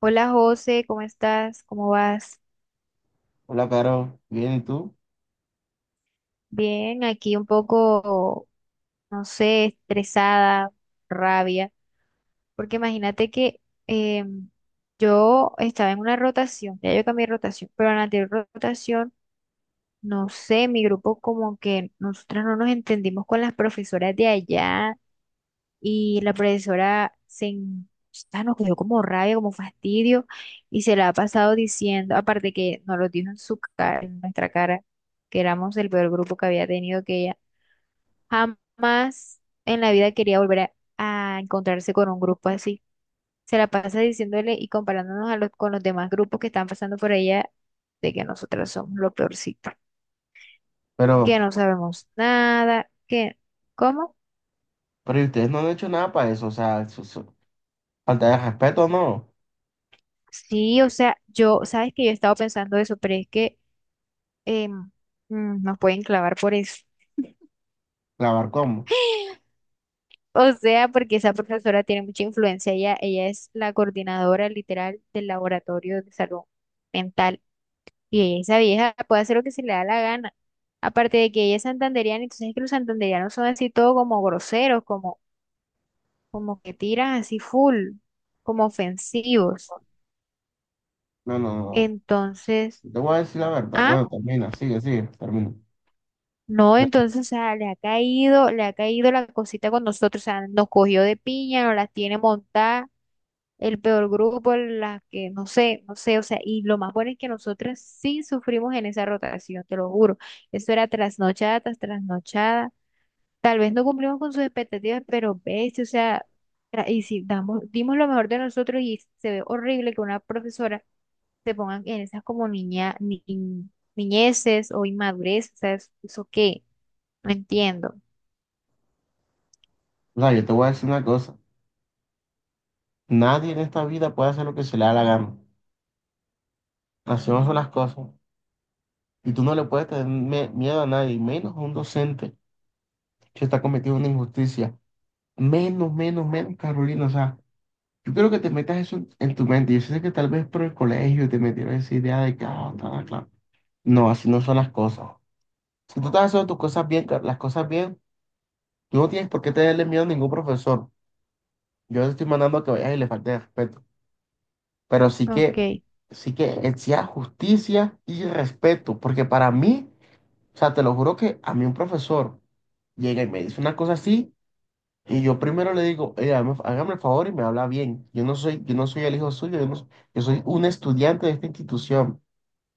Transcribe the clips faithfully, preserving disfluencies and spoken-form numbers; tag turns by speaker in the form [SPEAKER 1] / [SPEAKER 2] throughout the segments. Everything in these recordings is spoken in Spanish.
[SPEAKER 1] Hola José, ¿cómo estás? ¿Cómo vas?
[SPEAKER 2] Hola, Caro. Bien, ¿y tú?
[SPEAKER 1] Bien, aquí un poco, no sé, estresada, rabia, porque imagínate que eh, yo estaba en una rotación, ya yo cambié de rotación, pero en la anterior rotación, no sé, mi grupo como que nosotras no nos entendimos con las profesoras de allá y la profesora se en- pues, ah, nos cogió como rabia, como fastidio y se la ha pasado diciendo, aparte que nos lo dijo en su cara, en nuestra cara, que éramos el peor grupo que había tenido, que ella jamás en la vida quería volver a a encontrarse con un grupo así. Se la pasa diciéndole y comparándonos a los, con los demás grupos que están pasando por ella de que nosotras somos lo peorcito,
[SPEAKER 2] Pero,
[SPEAKER 1] que no sabemos nada, que... ¿Cómo?
[SPEAKER 2] pero ¿y ustedes no han hecho nada para eso? O sea, eso- eso- falta de respeto, ¿no?
[SPEAKER 1] Sí, o sea, yo, sabes que yo he estado pensando eso, pero es que em, mm, nos pueden clavar por eso.
[SPEAKER 2] ¿Lavar cómo?
[SPEAKER 1] O sea, porque esa profesora tiene mucha influencia. Ella, ella es la coordinadora literal del laboratorio de salud mental. Y ella, esa vieja puede hacer lo que se le da la gana. Aparte de que ella es santanderiana, entonces es que los santanderianos son así todo como groseros, como, como que tiran así full, como ofensivos.
[SPEAKER 2] No, no, no.
[SPEAKER 1] Entonces,
[SPEAKER 2] Yo te voy a decir la verdad.
[SPEAKER 1] ah,
[SPEAKER 2] Bueno, termina, sigue, sigue, termina.
[SPEAKER 1] no, entonces, o sea, le ha caído, le ha caído la cosita con nosotros, o sea, nos cogió de piña, nos las tiene montadas el peor grupo, las que no sé, no sé, o sea, y lo más bueno es que nosotras sí sufrimos en esa rotación, te lo juro. Eso era trasnochada tras trasnochada. Tal vez no cumplimos con sus expectativas, pero ves, o sea, tra- y si damos, dimos lo mejor de nosotros y se ve horrible que una profesora se ponga en esas como niña, ni, niñeces o inmadurez, o sea, es- ¿eso qué? No entiendo.
[SPEAKER 2] O sea, yo te voy a decir una cosa. Nadie en esta vida puede hacer lo que se le da la gana. Hacemos son las cosas. Y tú no le puedes tener me- miedo a nadie, menos a un docente que está cometiendo una injusticia. Menos, menos, menos, Carolina. O sea, yo quiero que te metas eso en, en tu mente. Yo sé que tal vez por el colegio te metieron esa idea de que, ah, ta, claro. No, así no son las cosas. Si tú estás haciendo tus cosas bien, ca- las cosas bien, tú no tienes por qué tenerle miedo a ningún profesor. Yo te estoy mandando a que vayas y le falte el respeto. Pero sí que,
[SPEAKER 1] Ok,
[SPEAKER 2] sí que exija justicia y respeto. Porque para mí, o sea, te lo juro que a mí un profesor llega y me dice una cosa así. Y yo primero le digo, "Eh, hágame hágame el favor y me habla bien. Yo no soy, yo no soy el hijo suyo, yo, no s- yo soy un estudiante de esta institución.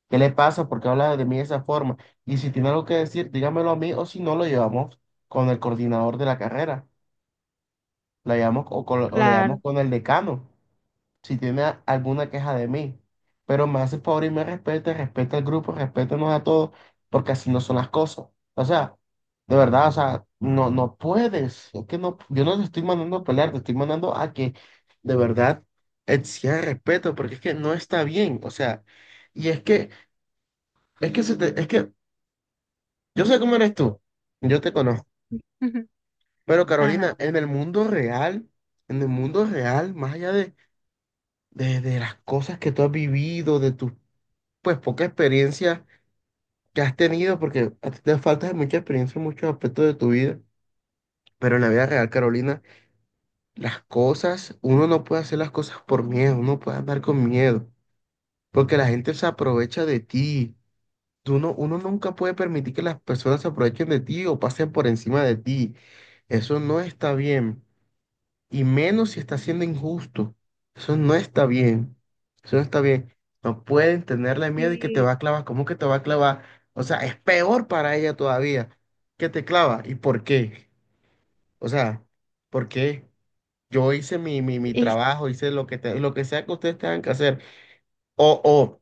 [SPEAKER 2] ¿Qué le pasa? ¿Por qué habla de mí de esa forma? Y si tiene algo que decir, dígamelo a mí o si no, lo llevamos con el coordinador de la carrera, lo llevamos, o, con- o lo llevamos
[SPEAKER 1] claro.
[SPEAKER 2] con el decano si tiene a- alguna queja de mí. Pero me hace el favor y me respete, respeta al grupo, respétenos a todos, porque así no son las cosas. O sea, de verdad, o sea, no, no puedes. Es que no, yo no te estoy mandando a pelear, te estoy mandando a que de verdad exija respeto, porque es que no está bien. O sea, y es que, es que, se te- es que yo sé cómo eres tú, yo te conozco. Pero
[SPEAKER 1] Ajá.
[SPEAKER 2] Carolina, en el mundo real, en el mundo real, más allá de, de, de las cosas que tú has vivido, de tus pues poca experiencia que has tenido, porque a ti te falta mucha experiencia en muchos aspectos de tu vida. Pero en la vida real, Carolina, las cosas, uno no puede hacer las cosas por miedo, uno puede andar con miedo, porque la gente se aprovecha de ti. Tú no- Uno nunca puede permitir que las personas se aprovechen de ti o pasen por encima de ti. Eso no está bien. Y menos si está siendo injusto. Eso no está bien. Eso no está bien. No pueden tenerle miedo y que te
[SPEAKER 1] Sí,
[SPEAKER 2] va a clavar. ¿Cómo que te va a clavar? O sea, es peor para ella todavía que te clava. ¿Y por qué? O sea, ¿por qué? Yo hice mi, mi, mi
[SPEAKER 1] y
[SPEAKER 2] trabajo, hice lo que, te- lo que sea que ustedes tengan que hacer. O, o,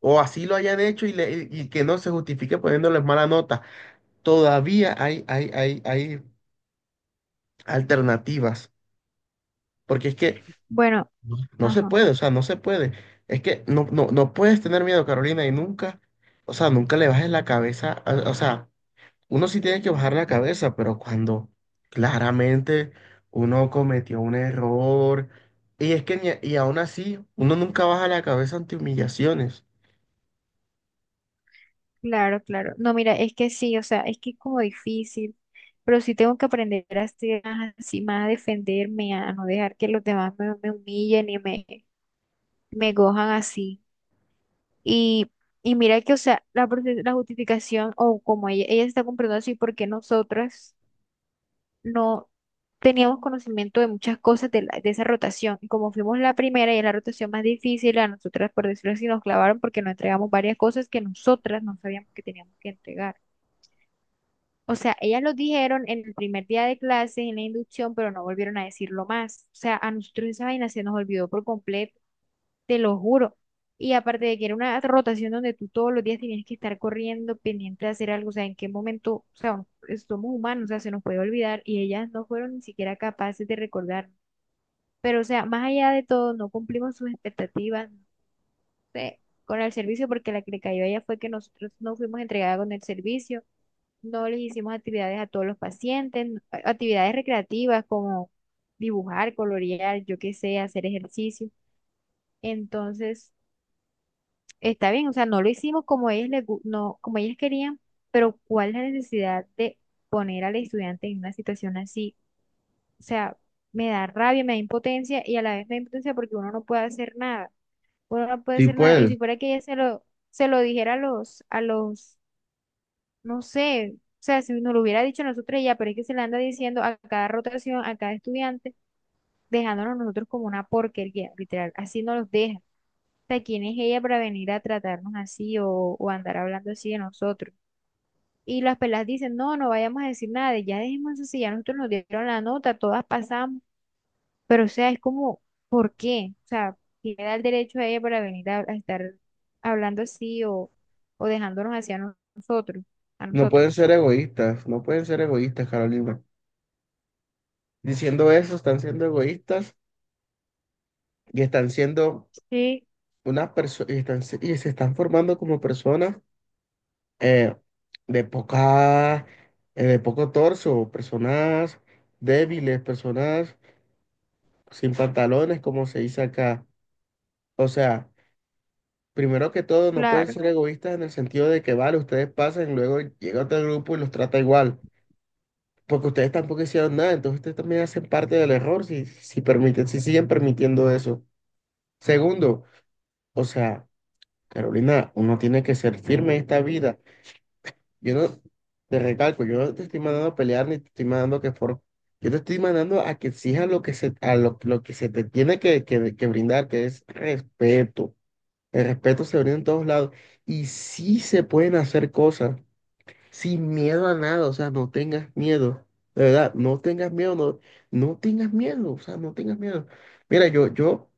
[SPEAKER 2] o así lo hayan hecho y, le- y y que no se justifique poniéndoles mala nota. Todavía hay, hay, hay, hay alternativas. Porque es que
[SPEAKER 1] bueno,
[SPEAKER 2] no no se
[SPEAKER 1] ajá.
[SPEAKER 2] puede, o sea, no se puede. Es que no, no, no puedes tener miedo, Carolina, y nunca, o sea, nunca le bajes la cabeza. a- O sea, uno sí tiene que bajar la cabeza, pero cuando claramente uno cometió un error, y es que, ni- y aún así, uno nunca baja la cabeza ante humillaciones.
[SPEAKER 1] Claro, claro. No, mira, es que sí, o sea, es que es como difícil, pero sí tengo que aprender a ser más así, más a defenderme, a no dejar que los demás me, me humillen y me, me cojan así. Y, y mira que, o sea, la, profe- la justificación, o como ella, ella se está comprando así, porque nosotras no teníamos conocimiento de muchas cosas de, la- de esa rotación. Y como fuimos la primera y es la rotación más difícil, a nosotras, por decirlo así, nos clavaron porque nos entregamos varias cosas que nosotras no sabíamos que teníamos que entregar. O sea, ellas lo dijeron en el primer día de clase, en la inducción, pero no volvieron a decirlo más. O sea, a nosotros esa vaina se nos olvidó por completo, te lo juro. Y aparte de que era una rotación donde tú todos los días tenías que estar corriendo, pendiente de hacer algo, o sea, en qué momento, o sea, no- somos humanos, o sea, se nos puede olvidar y ellas no fueron ni siquiera capaces de recordar. Pero, o sea, más allá de todo, no cumplimos sus expectativas, no sé, con el servicio, porque la que le cayó a ella fue que nosotros no fuimos entregadas con el servicio no les hicimos actividades a todos los pacientes, n- a- actividades recreativas como dibujar, colorear, yo qué sé, hacer ejercicio. Entonces, está bien, o sea, no lo hicimos como ellos les, gu- no, como ellas querían, pero ¿cuál es la necesidad de poner al estudiante en una situación así? O sea, me da rabia, me da impotencia y a la vez me da impotencia porque uno no puede hacer nada. Uno no puede
[SPEAKER 2] Sí
[SPEAKER 1] hacer nada. Y
[SPEAKER 2] puedes,
[SPEAKER 1] si fuera que ella se lo, se lo dijera a los, a los no sé, o sea, si nos lo hubiera dicho nosotros ya, pero es que se le anda diciendo a cada rotación, a cada estudiante, dejándonos nosotros como una porquería, literal, así nos los deja. O sea, ¿quién es ella para venir a tratarnos así o, o andar hablando así de nosotros? Y las pelas dicen, no, no vayamos a decir nada, de- ya dejemos eso, si ya nosotros nos dieron la nota, todas pasamos, pero o sea, es como, ¿por qué? O sea, ¿quién le da el derecho a ella para venir a, a estar hablando así o, o dejándonos así a no- nosotros, a
[SPEAKER 2] no pueden
[SPEAKER 1] nosotros?
[SPEAKER 2] ser egoístas, no pueden ser egoístas, Carolina. Diciendo eso, están siendo egoístas y están siendo
[SPEAKER 1] Sí,
[SPEAKER 2] unas personas, y, están se- y se están formando como personas eh, de poca, eh, de poco torso, personas débiles, personas sin pantalones, como se dice acá. O sea, primero que todo, no pueden
[SPEAKER 1] claro.
[SPEAKER 2] ser egoístas en el sentido de que, vale, ustedes pasan, luego llega otro grupo y los trata igual, porque ustedes tampoco hicieron nada, entonces ustedes también hacen parte del error si, si permiten, si siguen permitiendo eso. Segundo, o sea, Carolina, uno tiene que ser firme en esta vida. Yo no, te recalco, yo no te estoy mandando a pelear ni te estoy mandando que for, yo te estoy mandando a que exijas lo que se, a lo, lo que se te tiene que, que, que brindar, que es respeto. El respeto se brinda en todos lados. Y sí se pueden hacer cosas sin miedo a nada, o sea, no tengas miedo. De verdad, no tengas miedo, no, no tengas miedo, o sea, no tengas miedo. Mira, yo, yo,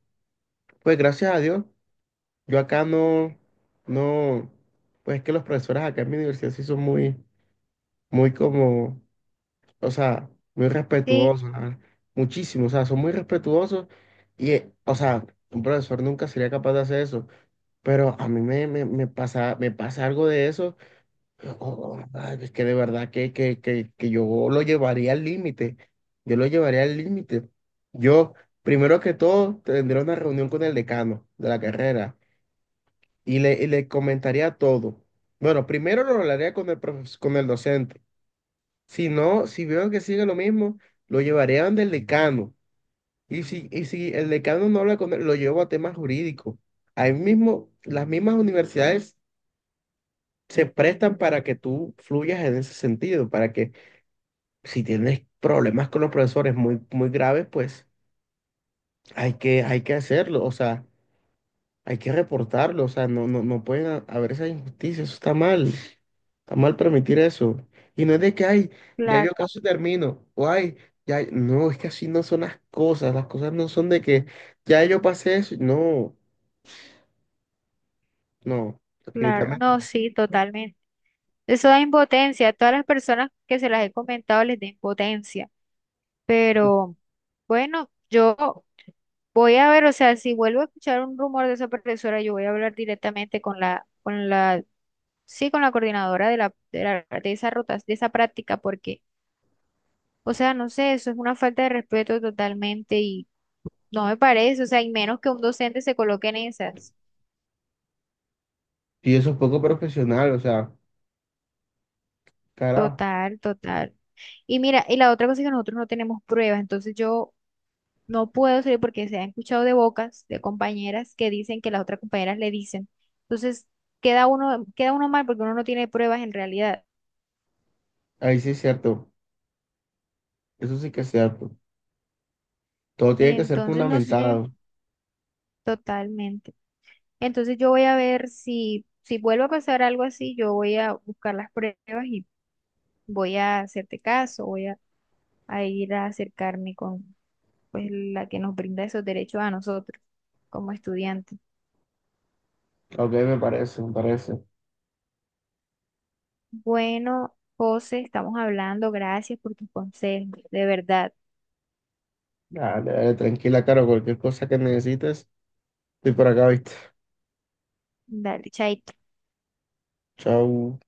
[SPEAKER 2] pues gracias a Dios, yo acá no, no, pues es que los profesores acá en mi universidad sí son muy, muy como o sea, muy
[SPEAKER 1] Sí,
[SPEAKER 2] respetuosos, la verdad, muchísimo, o sea, son muy respetuosos y, eh, o sea, un profesor nunca sería capaz de hacer eso, pero a mí me, me, me pasa, me pasa algo de eso, o- o, ay, es que de verdad que, que, que, que yo lo llevaría al límite, yo lo llevaría al límite. Yo, primero que todo, tendría una reunión con el decano de la carrera y le, y le comentaría todo. Bueno, primero lo hablaría con el profes- con el docente. Si no, si veo que sigue lo mismo, lo llevaré a donde el decano. Y si, y si el decano no habla con él, lo llevo a temas jurídicos. Ahí mismo, las mismas universidades se prestan para que tú fluyas en ese sentido, para que si tienes problemas con los profesores muy, muy graves, pues hay que, hay que hacerlo. O sea, hay que reportarlo, o sea, no, no, no pueden ha- haber esa injusticia, eso está mal, está mal permitir eso. Y no es de que, ay, ya yo
[SPEAKER 1] claro,
[SPEAKER 2] casi termino, o ay, ya, no, es que así no son las cosas, las cosas no son de que ya yo pasé eso, no, no,
[SPEAKER 1] claro.
[SPEAKER 2] definitivamente.
[SPEAKER 1] No, sí, totalmente. Eso da impotencia. A todas las personas que se las he comentado les da impotencia. Pero bueno, yo voy a ver, o sea, si vuelvo a escuchar un rumor de esa profesora, yo voy a hablar directamente con la, con la, sí, con la coordinadora de la, de la- de esa rota, de esa práctica, porque, o sea, no sé, eso es una falta de respeto totalmente y no me parece, o sea, y menos que un docente se coloque en esas.
[SPEAKER 2] Y eso es poco profesional, o sea, carajo,
[SPEAKER 1] Total, total. Y mira, y la otra cosa es que nosotros no tenemos pruebas, entonces yo no puedo salir porque se han escuchado de bocas de compañeras que dicen que las otras compañeras le dicen. Entonces queda uno, queda uno mal porque uno no tiene pruebas en realidad.
[SPEAKER 2] ahí sí es cierto, eso sí que es cierto. Todo tiene que ser
[SPEAKER 1] Entonces no sé
[SPEAKER 2] fundamentado,
[SPEAKER 1] totalmente. Entonces yo voy a ver si, si vuelve a pasar algo así, yo voy a buscar las pruebas y voy a hacerte caso, voy a, a ir a acercarme con pues la que nos brinda esos derechos a nosotros como estudiantes.
[SPEAKER 2] ok, me parece, me parece.
[SPEAKER 1] Bueno, José, estamos hablando. Gracias por tus consejos, de verdad.
[SPEAKER 2] Dale, dale, tranquila, Caro, cualquier cosa que necesites, estoy por acá, ¿viste?
[SPEAKER 1] Dale, chaito.
[SPEAKER 2] Chau.